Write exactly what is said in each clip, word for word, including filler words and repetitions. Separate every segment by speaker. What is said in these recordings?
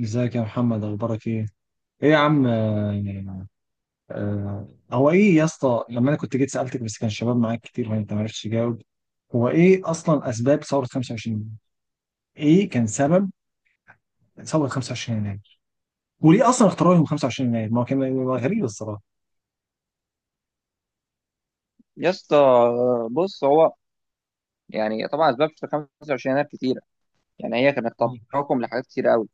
Speaker 1: ازيك يا محمد، اخبارك ايه؟ ايه يا عم. آه، آه، هو ايه يا اسطى، لما انا كنت جيت سالتك بس كان الشباب معاك كتير وانت ما عرفتش تجاوب. هو ايه اصلا اسباب ثوره خمسة وعشرين؟ ايه كان سبب ثوره خمسة وعشرين يناير؟ وليه اصلا اختاروا يوم خمسة وعشرين يناير؟ ما هو كان هو غريب الصراحه.
Speaker 2: يا اسطى، بص. هو يعني طبعا اسباب شتى خمسة وعشرين يناير كتيره. يعني هي كانت
Speaker 1: مم.
Speaker 2: تراكم لحاجات كتيره قوي.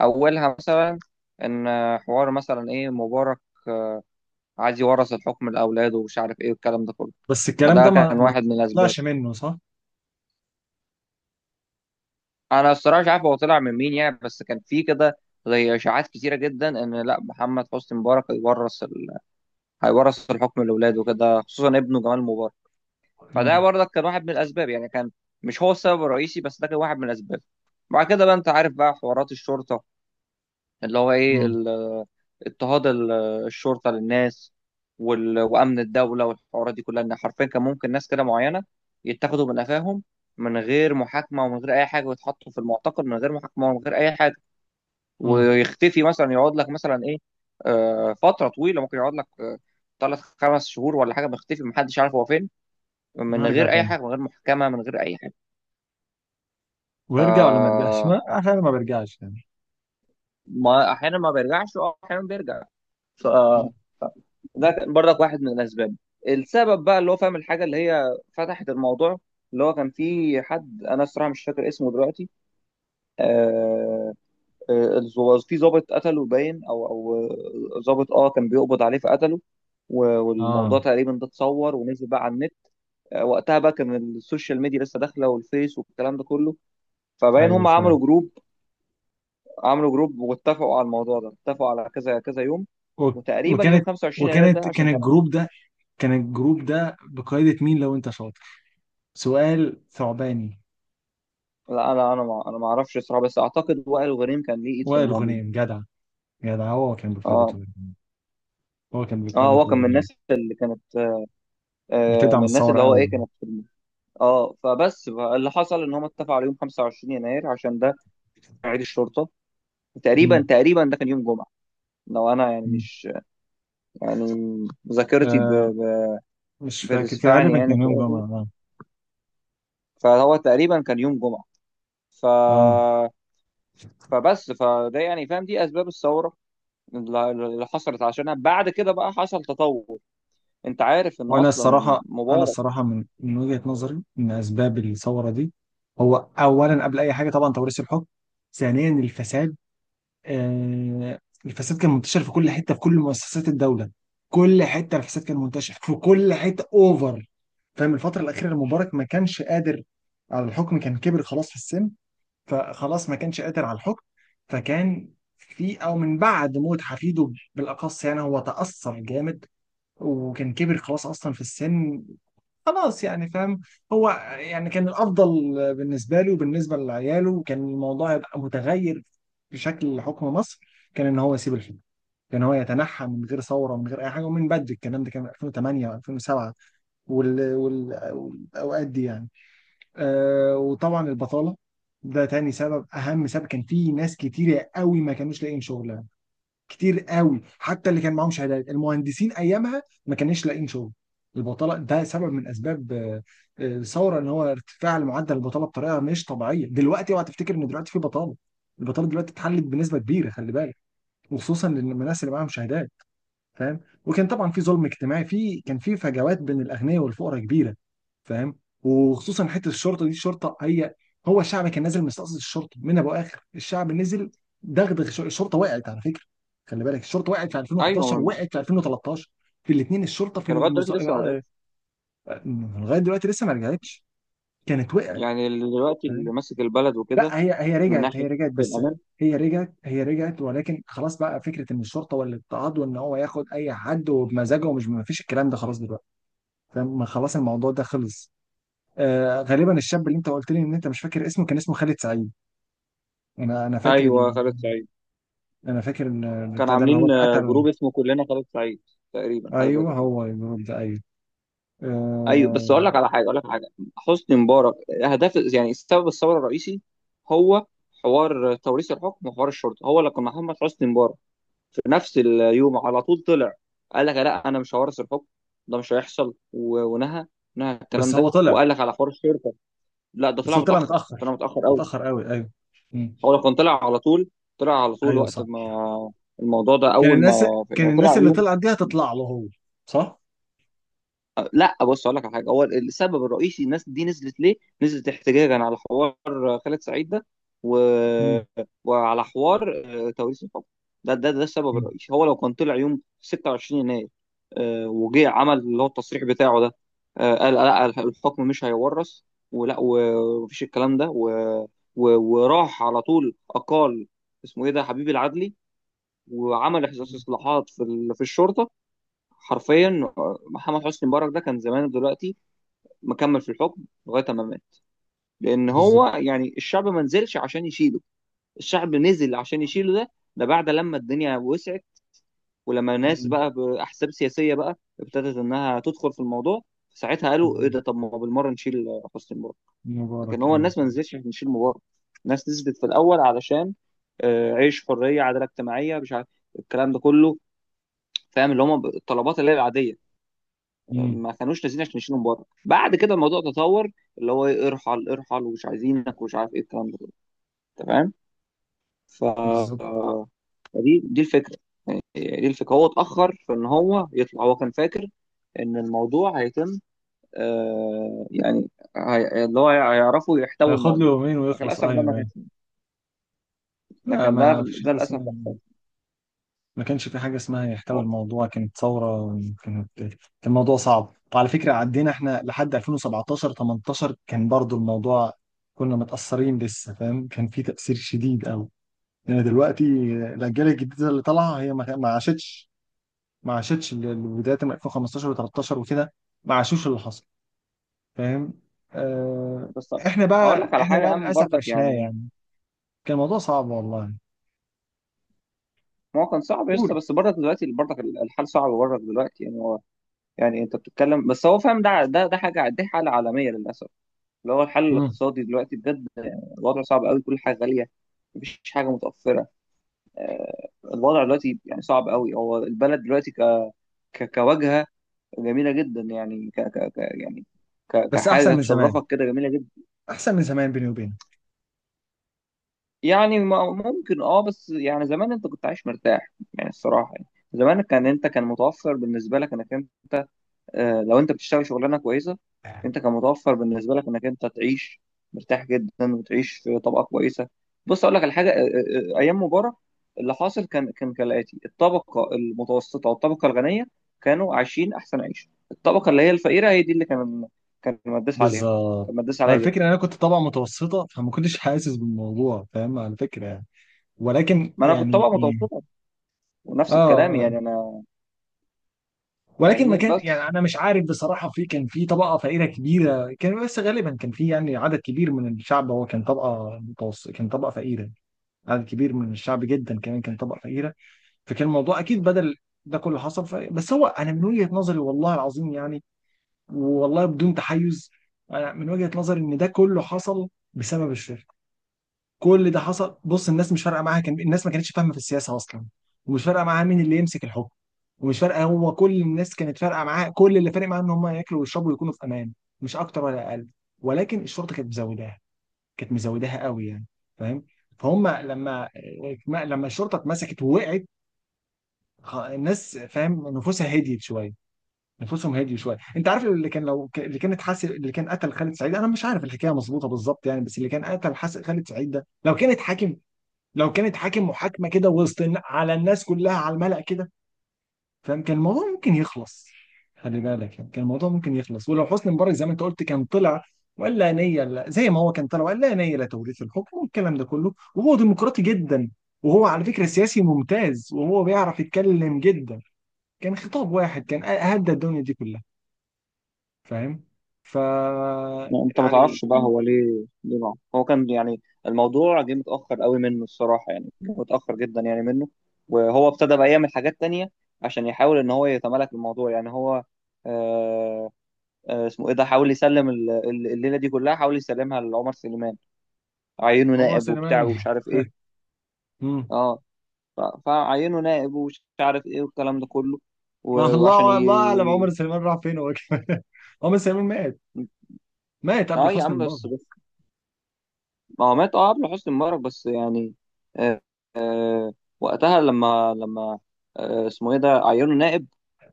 Speaker 2: اولها مثلا ان حوار مثلا ايه مبارك عايز يورث الحكم لاولاده ومش عارف ايه والكلام ده كله.
Speaker 1: بس الكلام
Speaker 2: فده
Speaker 1: ده ما
Speaker 2: كان
Speaker 1: ما
Speaker 2: واحد من
Speaker 1: ما
Speaker 2: الاسباب.
Speaker 1: طلعش منه، صح؟
Speaker 2: انا الصراحه مش عارف هو طلع من مين يعني، بس كان في كده زي اشاعات كتيره جدا ان لا محمد حسني مبارك هيورث ال... هيورث الحكم لاولاده كده، خصوصا ابنه جمال مبارك. فده
Speaker 1: امم.
Speaker 2: برضك كان واحد من الاسباب، يعني كان مش هو السبب الرئيسي، بس ده كان واحد من الاسباب. بعد كده بقى انت عارف بقى حوارات الشرطه، اللي هو ايه
Speaker 1: امم.
Speaker 2: ال- اضطهاد ال- الشرطه للناس، وال- وامن الدوله والحوارات دي كلها، ان حرفيا كان ممكن ناس كده معينه يتاخدوا من قفاهم من غير محاكمه ومن غير اي حاجه، ويتحطوا في المعتقل من غير محاكمه ومن غير اي حاجه،
Speaker 1: امم.
Speaker 2: ويختفي مثلا، يقعد لك مثلا ايه، آه، فتره طويله، ممكن يقعد لك آه، ثلاث خمس شهور ولا حاجه، مختفي، محدش عارف هو فين، من
Speaker 1: ويرجع
Speaker 2: غير اي
Speaker 1: تاني
Speaker 2: حاجه، من غير محاكمه، من غير اي حاجه. ف
Speaker 1: ويرجع ولا ما يرجعش؟ ما احيانا ما بيرجعش يعني.
Speaker 2: ما احيانا ما بيرجعش، اه، احيانا بيرجع.
Speaker 1: مم.
Speaker 2: ده كان برضك واحد من الاسباب. السبب بقى اللي هو فاهم، الحاجه اللي هي فتحت الموضوع، اللي هو كان في حد انا الصراحه مش فاكر اسمه دلوقتي. آه آه الظو- في ضابط قتله، باين، او او ضابط، اه، كان بيقبض عليه فقتله، و- والموضوع
Speaker 1: اه،
Speaker 2: تقريبا ده اتصور ونزل بقى على النت. آه، وقتها بقى كان السوشيال ميديا لسه داخله والفيس والكلام ده كله. فباين
Speaker 1: ايوه،
Speaker 2: هم
Speaker 1: فعلا.
Speaker 2: عملوا جروب، عملوا جروب واتفقوا على الموضوع ده، اتفقوا على كذا كذا يوم،
Speaker 1: و-
Speaker 2: وتقريبا يوم
Speaker 1: وكانت
Speaker 2: خمسة وعشرين يناير
Speaker 1: وكانت
Speaker 2: ده
Speaker 1: كان
Speaker 2: عشان كان.
Speaker 1: الجروب ده كان الجروب ده بقيادة مين، لو انت شاطر؟ سؤال ثعباني.
Speaker 2: لا لا، انا ما انا ما اعرفش الصراحه، بس اعتقد وائل غريم كان ليه ايد في
Speaker 1: وائل
Speaker 2: الموضوع.
Speaker 1: غنيم، جدع. جدع، هو كان بقيادة
Speaker 2: اه،
Speaker 1: وائل غنيم. هو كان
Speaker 2: اه،
Speaker 1: بقيادة
Speaker 2: هو كان
Speaker 1: وائل
Speaker 2: من الناس
Speaker 1: غنيم.
Speaker 2: اللي كانت، آه،
Speaker 1: بتدعم
Speaker 2: من الناس اللي
Speaker 1: الثورة
Speaker 2: هو
Speaker 1: قوي
Speaker 2: ايه
Speaker 1: يعني.
Speaker 2: كانت في الم- اه. فبس بقى اللي حصل ان هم اتفقوا على يوم خمسة وعشرين يناير عشان ده كان عيد الشرطه.
Speaker 1: مم.
Speaker 2: تقريبا تقريبا ده كان يوم جمعه، لو انا يعني
Speaker 1: مم.
Speaker 2: مش، يعني ذاكرتي ب-
Speaker 1: آه،
Speaker 2: ب-
Speaker 1: مش فاكر، كان
Speaker 2: بتسفعني
Speaker 1: غالبا
Speaker 2: يعني
Speaker 1: كان يوم
Speaker 2: كويس.
Speaker 1: جمعة. اه.
Speaker 2: فهو تقريبا كان يوم جمعه. ف
Speaker 1: اه.
Speaker 2: فبس، فده يعني فاهم دي اسباب الثوره اللي اللي حصلت عشانها. بعد كده بقى حصل تطور، انت عارف ان
Speaker 1: وانا
Speaker 2: اصلا
Speaker 1: الصراحة انا
Speaker 2: مبارك
Speaker 1: الصراحة من من وجهة نظري ان اسباب الثورة دي، هو اولا قبل اي حاجة طبعا توريث الحكم. ثانيا، الفساد. آه، الفساد كان منتشر في كل حته، في كل مؤسسات الدوله. كل حته. الفساد كان منتشر في كل حته، اوفر. فاهم؟ الفتره الاخيره المبارك ما كانش قادر على الحكم، كان كبر خلاص في السن. فخلاص ما كانش قادر على الحكم. فكان في، او من بعد موت حفيده بالاخص يعني، هو تاثر جامد. وكان كبر خلاص اصلا في السن. خلاص يعني، فاهم؟ هو يعني كان الافضل بالنسبه له وبالنسبه لعياله، كان الموضوع يبقى متغير بشكل حكم مصر. كان ان هو يسيب الحكم، كان هو يتنحى من غير ثوره ومن غير اي حاجه، ومن بدري. الكلام ده كان في ألفين وتمانية و2007. وال... وال... والاوقات دي يعني. آه وطبعا البطاله، ده تاني سبب، اهم سبب. كان في ناس كتيره قوي ما كانوش لاقيين شغل، كتير قوي، حتى اللي كان معاهم شهادات، المهندسين ايامها ما كانش لاقيين شغل. البطاله ده سبب من اسباب آه، آه، الثوره. ان هو ارتفاع معدل البطاله بطريقه مش طبيعيه. دلوقتي اوعى تفتكر ان دلوقتي في بطاله. البطاله دلوقتي اتحلت بنسبه كبيره، خلي بالك، وخصوصا للناس اللي معاهم شهادات. فاهم؟ وكان طبعا في ظلم اجتماعي، في كان في فجوات بين الاغنياء والفقراء كبيره. فاهم؟ وخصوصا حته الشرطه دي. الشرطه هي هو الشعب كان نازل مستقصد الشرطه، من ابو اخر الشعب نزل. دغدغ الش- الشرطه. وقعت على فكره، خلي بالك، الشرطه وقعت في
Speaker 2: ايوه
Speaker 1: ألفين وحداشر،
Speaker 2: من-
Speaker 1: وقعت في ألفين وتلتاشر. في الاثنين الشرطه في
Speaker 2: كان لغايه
Speaker 1: المز...
Speaker 2: دلوقتي لسه ما مات،
Speaker 1: آه، آه، لغايه دلوقتي لسه ما رجعتش. كانت وقعت.
Speaker 2: يعني اللي دلوقتي اللي ماسك البلد
Speaker 1: لا،
Speaker 2: وكده
Speaker 1: هي هي
Speaker 2: من
Speaker 1: رجعت، هي
Speaker 2: ناحيه
Speaker 1: رجعت بس.
Speaker 2: الامان.
Speaker 1: هي رجعت، هي رجعت ولكن خلاص بقى فكره ان الشرطه والاضطهاد وان هو ياخد اي حد وبمزاجه، ومش ما فيش الكلام ده خلاص دلوقتي. فاهم؟ خلاص الموضوع ده خلص. آه، غالبا الشاب اللي انت قلت لي ان انت مش فاكر اسمه، كان اسمه خالد سعيد. انا انا فاكر
Speaker 2: ايوه،
Speaker 1: ال...
Speaker 2: خالد سعيد.
Speaker 1: انا فاكر ال-
Speaker 2: كان
Speaker 1: البتاع ده اللي هو
Speaker 2: عاملين، آه،
Speaker 1: اتقتل.
Speaker 2: جروب اسمه كلنا خالد سعيد، تقريبا حاجه زي
Speaker 1: ايوه،
Speaker 2: كده.
Speaker 1: هو الجروب ده، ايوه.
Speaker 2: ايوه، بس اقول
Speaker 1: آه.
Speaker 2: لك على حاجه، اقول لك على حاجه. حسني مبارك هدف، يعني سبب الثوره الرئيسي هو حوار توريث الحكم وحوار الشرطه، هو اللي كان محمد حسني مبارك في نفس اليوم على طول طلع قال لك لا انا مش هورث الحكم، ده مش هيحصل، و- ونهى، نهى الكلام
Speaker 1: بس هو
Speaker 2: ده،
Speaker 1: طلع
Speaker 2: وقال لك على حوار الشرطه. لا ده
Speaker 1: بس
Speaker 2: طلع
Speaker 1: هو طلع
Speaker 2: متاخر، طلع
Speaker 1: متاخر،
Speaker 2: متاخر قوي.
Speaker 1: متاخر قوي، ايوه. مم.
Speaker 2: هو لو كان طلع على طول، طلع على طول
Speaker 1: ايوه،
Speaker 2: وقت
Speaker 1: صح.
Speaker 2: ما الموضوع ده
Speaker 1: كان
Speaker 2: اول
Speaker 1: الناس
Speaker 2: ما
Speaker 1: كان
Speaker 2: يعني طلع
Speaker 1: الناس اللي
Speaker 2: يوم.
Speaker 1: طلعت دي هتطلع له هو، صح؟
Speaker 2: لا، بص اقول لك على حاجه، هو السبب الرئيسي الناس دي نزلت ليه؟ نزلت احتجاجا على حوار، آه، خالد سعيد ده، و...
Speaker 1: مم.
Speaker 2: وعلى حوار، آه، توريث الحكم. ده ده ده السبب الرئيسي. هو لو كان طلع يوم ستة وعشرين يناير، آه، وجه عمل اللي هو التصريح بتاعه ده، آه، قال لا الحكم مش هيورث، ولا، و- ومفيش الكلام ده، و... و... وراح على طول اقال، اسمه ايه ده، حبيب العدلي، وعمل
Speaker 1: مم.
Speaker 2: استصلاحات في ال- في الشرطه حرفيا. محمد حسني مبارك ده كان زمان دلوقتي مكمل في الحكم لغايه ما مات، لان
Speaker 1: بالظبط.
Speaker 2: هو يعني الشعب ما نزلش عشان يشيله. الشعب نزل عشان يشيله ده ده بعد لما الدنيا وسعت، ولما ناس
Speaker 1: مم.
Speaker 2: بقى باحزاب سياسيه بقى ابتدت انها تدخل في الموضوع. ساعتها قالوا ايه
Speaker 1: مم.
Speaker 2: ده، طب ما بالمره نشيل حسني مبارك. لكن
Speaker 1: مبارك،
Speaker 2: هو
Speaker 1: أيوة.
Speaker 2: الناس ما نزلتش عشان نشيل مبارك، الناس نزلت في الاول علشان، آه، عيش، حريه، عداله اجتماعيه، مش عارف الكلام ده كله، فاهم، اللي هم الطلبات اللي هي العاديه.
Speaker 1: مم.
Speaker 2: ما كانوش نازلين عشان يشيلوا من بره. بعد كده الموضوع تطور، اللي هو إيه، ارحل ارحل، ومش عايزينك، ومش عارف ايه الكلام ده كله، تمام. ف-
Speaker 1: بالظبط.
Speaker 2: فدي، دي الفكره. يعني دي الفكره، هو اتاخر في ان هو يطلع. هو كان فاكر ان الموضوع هيتم، آه، يعني، هي... اللي هو هيعرفوا يحتوي
Speaker 1: هياخد له
Speaker 2: الموضوع،
Speaker 1: يومين
Speaker 2: لكن
Speaker 1: ويخلص.
Speaker 2: للاسف
Speaker 1: آه،
Speaker 2: ده ما
Speaker 1: أيوة، أيوة.
Speaker 2: كانش. ده
Speaker 1: لا،
Speaker 2: كان ده
Speaker 1: ما فيش
Speaker 2: ده
Speaker 1: حاجة
Speaker 2: للاسف
Speaker 1: اسمها.
Speaker 2: اللي حصل.
Speaker 1: ما كانش في حاجة اسمها يحتوي
Speaker 2: أهو.
Speaker 1: الموضوع، كانت ثورة. كانت كان الموضوع صعب. وعلى فكرة عدينا احنا لحد ألفين وسبعتاشر تمنتاشر، كان برضو الموضوع، كنا متأثرين لسه. فاهم؟ كان في تأثير شديد أوي. يعني دلوقتي الأجيال الجديدة اللي طالعة هي ما ما عاشتش. ما عاشتش ال- ال- بداية من ألفين وخمسة عشر و13 وكده، ما عاشوش اللي حصل. فاهم؟ آه.
Speaker 2: بس
Speaker 1: احنا
Speaker 2: اقول
Speaker 1: بقى
Speaker 2: لك على
Speaker 1: احنا
Speaker 2: حاجه يا
Speaker 1: بقى
Speaker 2: عم
Speaker 1: للاسف
Speaker 2: برضك،
Speaker 1: عشناه
Speaker 2: يعني
Speaker 1: يعني. كان الموضوع صعب والله.
Speaker 2: ما هو كان صعب يا اسطى،
Speaker 1: قول.
Speaker 2: بس برضك دلوقتي برضك الحال صعب برضك دلوقتي، يعني يعني انت بتتكلم، بس هو فاهم ده ده ده حاجه، دي حاله عالميه للاسف، اللي هو الحل
Speaker 1: مم.
Speaker 2: الاقتصادي دلوقتي بجد. الوضع صعب قوي، كل حاجه غاليه، مفيش حاجه متوفره. آه، الوضع دلوقتي يعني صعب قوي. هو البلد دلوقتي ك... ك... كواجهه جميله جدا، يعني ك... ك... ك... يعني ك...
Speaker 1: بس احسن
Speaker 2: كحاجه
Speaker 1: من زمان،
Speaker 2: تشرفك كده جميله جدا.
Speaker 1: احسن من زمان، بيني وبينك.
Speaker 2: يعني م- ممكن اه، بس يعني زمان انت كنت عايش مرتاح يعني الصراحه، يعني زمان كان، انت كان متوفر بالنسبه لك انك انت، آه، لو انت بتشتغل شغلانه كويسه، انت كان متوفر بالنسبه لك انك انت تعيش مرتاح جدا، وتعيش في طبقه كويسه. بص اقول لك على حاجه، آه، آه، آه، ايام مبارك اللي حاصل كان، كان كالاتي: الطبقه المتوسطه والطبقه الغنيه كانوا عايشين احسن عيشه. الطبقه اللي هي الفقيره هي دي اللي كان، كان مدس عليها،
Speaker 1: بالظبط.
Speaker 2: كان مدس
Speaker 1: هو
Speaker 2: عليها جامد.
Speaker 1: الفكرة إن أنا كنت طبعا متوسطة، فما كنتش حاسس بالموضوع، فاهم، على فكرة يعني. ولكن
Speaker 2: ما انا كنت
Speaker 1: يعني
Speaker 2: طبقه
Speaker 1: يعني
Speaker 2: متوسطه ونفس
Speaker 1: آه.
Speaker 2: الكلام
Speaker 1: آه.
Speaker 2: يعني انا،
Speaker 1: ولكن ما
Speaker 2: فاهمني
Speaker 1: كان يعني،
Speaker 2: بس.
Speaker 1: أنا مش عارف بصراحة، في كان في طبقة فقيرة كبيرة كان، بس غالبا كان في يعني عدد كبير من الشعب هو كان طبقة متوسط، كان طبقة فقيرة. عدد كبير من الشعب جدا كمان كان طبقة فقيرة. فكان الموضوع اكيد بدل ده كله حصل. ف... بس هو انا من وجهة نظري، والله العظيم يعني، والله بدون تحيز، انا من وجهة نظري ان ده كله حصل بسبب الشركه. كل ده حصل. بص، الناس مش فارقه معاها، كان الناس ما كانتش فاهمه في السياسه اصلا، ومش فارقه معاها مين اللي يمسك الحكم. ومش فارقه، هو كل الناس كانت فارقه معاها، كل اللي فارق معاها ان هم ياكلوا ويشربوا ويكونوا في امان، مش اكتر ولا اقل. ولكن الشرطه كانت مزوداها، كانت مزوداها قوي يعني. فاهم؟ فهم. لما لما الشرطه اتمسكت ووقعت، خ- الناس، فاهم، نفوسها هديت شويه. نفوسهم هديت شويه. انت عارف اللي كان، لو ك- اللي كانت حاسب اللي كان قتل خالد سعيد، انا مش عارف الحكايه مظبوطه بالظبط يعني، بس اللي كان قتل حاسب خالد سعيد ده، لو كانت حاكم، لو كانت حاكم محاكمه كده وسط الن- على الناس كلها على الملأ كده، فاهم، كان الموضوع ممكن يخلص. خلي بالك يعني كان الموضوع ممكن يخلص. ولو حسني مبارك زي ما انت قلت كان طلع وقال لا نيه، لا، زي ما هو كان طلع وقال لا نيه لتوريث الحكم والكلام ده كله، وهو ديمقراطي جدا وهو على فكره سياسي ممتاز وهو بيعرف يتكلم جدا، كان خطاب واحد كان هدى الدنيا دي كلها. فاهم؟ ف
Speaker 2: يعني انت ما
Speaker 1: يعني
Speaker 2: تعرفش بقى هو ليه ليه معه، هو كان يعني الموضوع جه متاخر قوي منه الصراحه، يعني جه متاخر جدا يعني منه. وهو ابتدى بقى يعمل حاجات تانية عشان يحاول ان هو يتمالك الموضوع، يعني هو، آه، آه، اسمه ايه ده، حاول يسلم ال- ال- الليله دي كلها، حاول يسلمها لعمر سليمان، عينه
Speaker 1: عمر
Speaker 2: نائب وبتاع
Speaker 1: سليمان.
Speaker 2: ومش عارف ايه.
Speaker 1: مم.
Speaker 2: اه، ف- فعينه نائب، ومش عارف ايه والكلام ده كله،
Speaker 1: ما
Speaker 2: و- وعشان
Speaker 1: الله، الله اعلم
Speaker 2: ي...
Speaker 1: عمر سليمان راح فين هو كمان. عمر سليمان مات. مات قبل
Speaker 2: اه يا
Speaker 1: حسني
Speaker 2: عم
Speaker 1: مبارك.
Speaker 2: بس. ما هو مات، اه، قبل حسني مبارك، بس يعني، آه، آه، وقتها لما لما، آه، اسمه ايه ده، عينه نائب،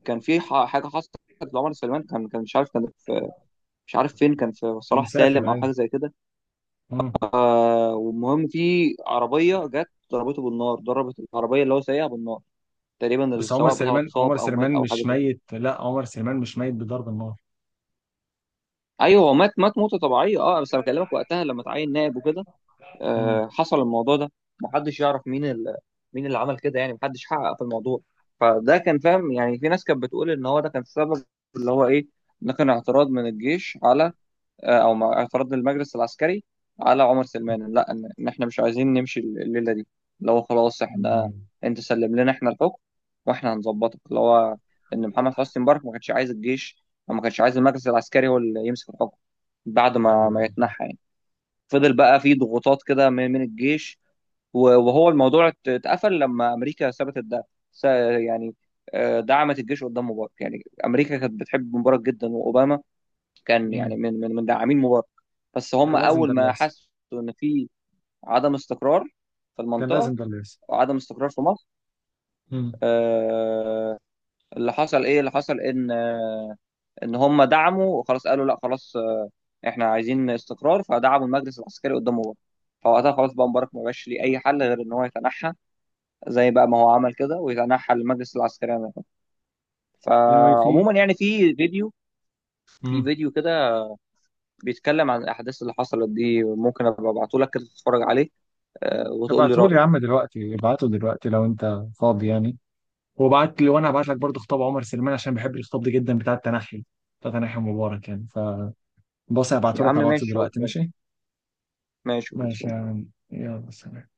Speaker 2: كان في ح- حاجه حصلت لعمر سليمان، كان كان مش عارف، كان في مش عارف فين، كان في
Speaker 1: كان
Speaker 2: صلاح
Speaker 1: مسافر
Speaker 2: سالم او
Speaker 1: يعني.
Speaker 2: حاجه زي كده.
Speaker 1: مم.
Speaker 2: آه، والمهم في عربيه جت ضربته بالنار، ضربت العربيه اللي هو سايقها بالنار. تقريبا
Speaker 1: بس عمر
Speaker 2: السواق بتاعه
Speaker 1: سليمان، عمر
Speaker 2: اتصاب او مات
Speaker 1: سليمان
Speaker 2: او حاجه
Speaker 1: مش
Speaker 2: زي كده.
Speaker 1: ميت، لا، عمر سليمان مش ميت بضرب النار.
Speaker 2: ايوه هو مات، مات موته طبيعيه اه، بس انا بكلمك وقتها لما اتعين نائب وكده،
Speaker 1: مم.
Speaker 2: آه، حصل الموضوع ده. محدش يعرف مين ال... مين اللي عمل كده، يعني محدش حقق في الموضوع. فده كان فاهم، يعني في ناس كانت بتقول ان هو ده كان السبب، اللي هو ايه، ده كان اعتراض من الجيش على، آه، او مع- اعتراض المجلس العسكري على عمر سلمان. لا، ان إن احنا مش عايزين نمشي الليله دي، اللي هو خلاص احنا،
Speaker 1: مم.
Speaker 2: انت سلم لنا احنا الحكم واحنا هنظبطك، اللي هو ان محمد حسني مبارك ما كانش عايز الجيش، او ما كانش عايز المجلس العسكري هو اللي يمسك الحكم بعد ما
Speaker 1: ايوه،
Speaker 2: ما
Speaker 1: ايوه.
Speaker 2: يتنحى يعني. فضل بقى في ضغوطات كده من من الجيش، و- وهو الموضوع ات- اتقفل لما امريكا ثبتت ده. س- يعني، آه، دعمت الجيش قدام مبارك. يعني امريكا كانت بتحب مبارك جدا، واوباما كان يعني
Speaker 1: مم.
Speaker 2: من من من داعمين مبارك. بس هم
Speaker 1: كان لازم ده
Speaker 2: اول
Speaker 1: اللي
Speaker 2: ما
Speaker 1: يحصل.
Speaker 2: حسوا ان في عدم استقرار في
Speaker 1: كان
Speaker 2: المنطقه،
Speaker 1: لازم ده اللي يحصل.
Speaker 2: وعدم استقرار في مصر، آه، اللي حصل ايه، اللي حصل ان، آه، ان هم دعموا وخلاص، قالوا لا خلاص، آه، احنا عايزين استقرار، فدعموا المجلس العسكري قدام مبارك. فوقتها خلاص بقى مبارك ما بقاش ليه اي حل غير ان هو يتنحى، زي بقى ما هو عمل كده، ويتنحى للمجلس العسكري عن الحكم.
Speaker 1: Anyway. في.
Speaker 2: فعموما يعني في فيديو، في
Speaker 1: مم.
Speaker 2: فيديو كده بيتكلم عن الاحداث اللي حصلت دي، ممكن ابقى ابعته لك كده تتفرج عليه، آه، وتقول لي
Speaker 1: ابعتهولي يا
Speaker 2: رايك.
Speaker 1: عم دلوقتي، ابعته دلوقتي لو انت فاضي يعني. وبعت لي، وانا هبعت لك برضه خطاب عمر سليمان عشان بحب الخطاب ده جدا، بتاع التنحي، بتاع تنحي مبارك يعني. فبص، هبعته
Speaker 2: يا
Speaker 1: لك
Speaker 2: عم
Speaker 1: على الواتس
Speaker 2: ماشي خلاص،
Speaker 1: دلوقتي، ماشي؟
Speaker 2: ماشي
Speaker 1: ماشي يا
Speaker 2: خلاص.
Speaker 1: عم. يلا، سلام.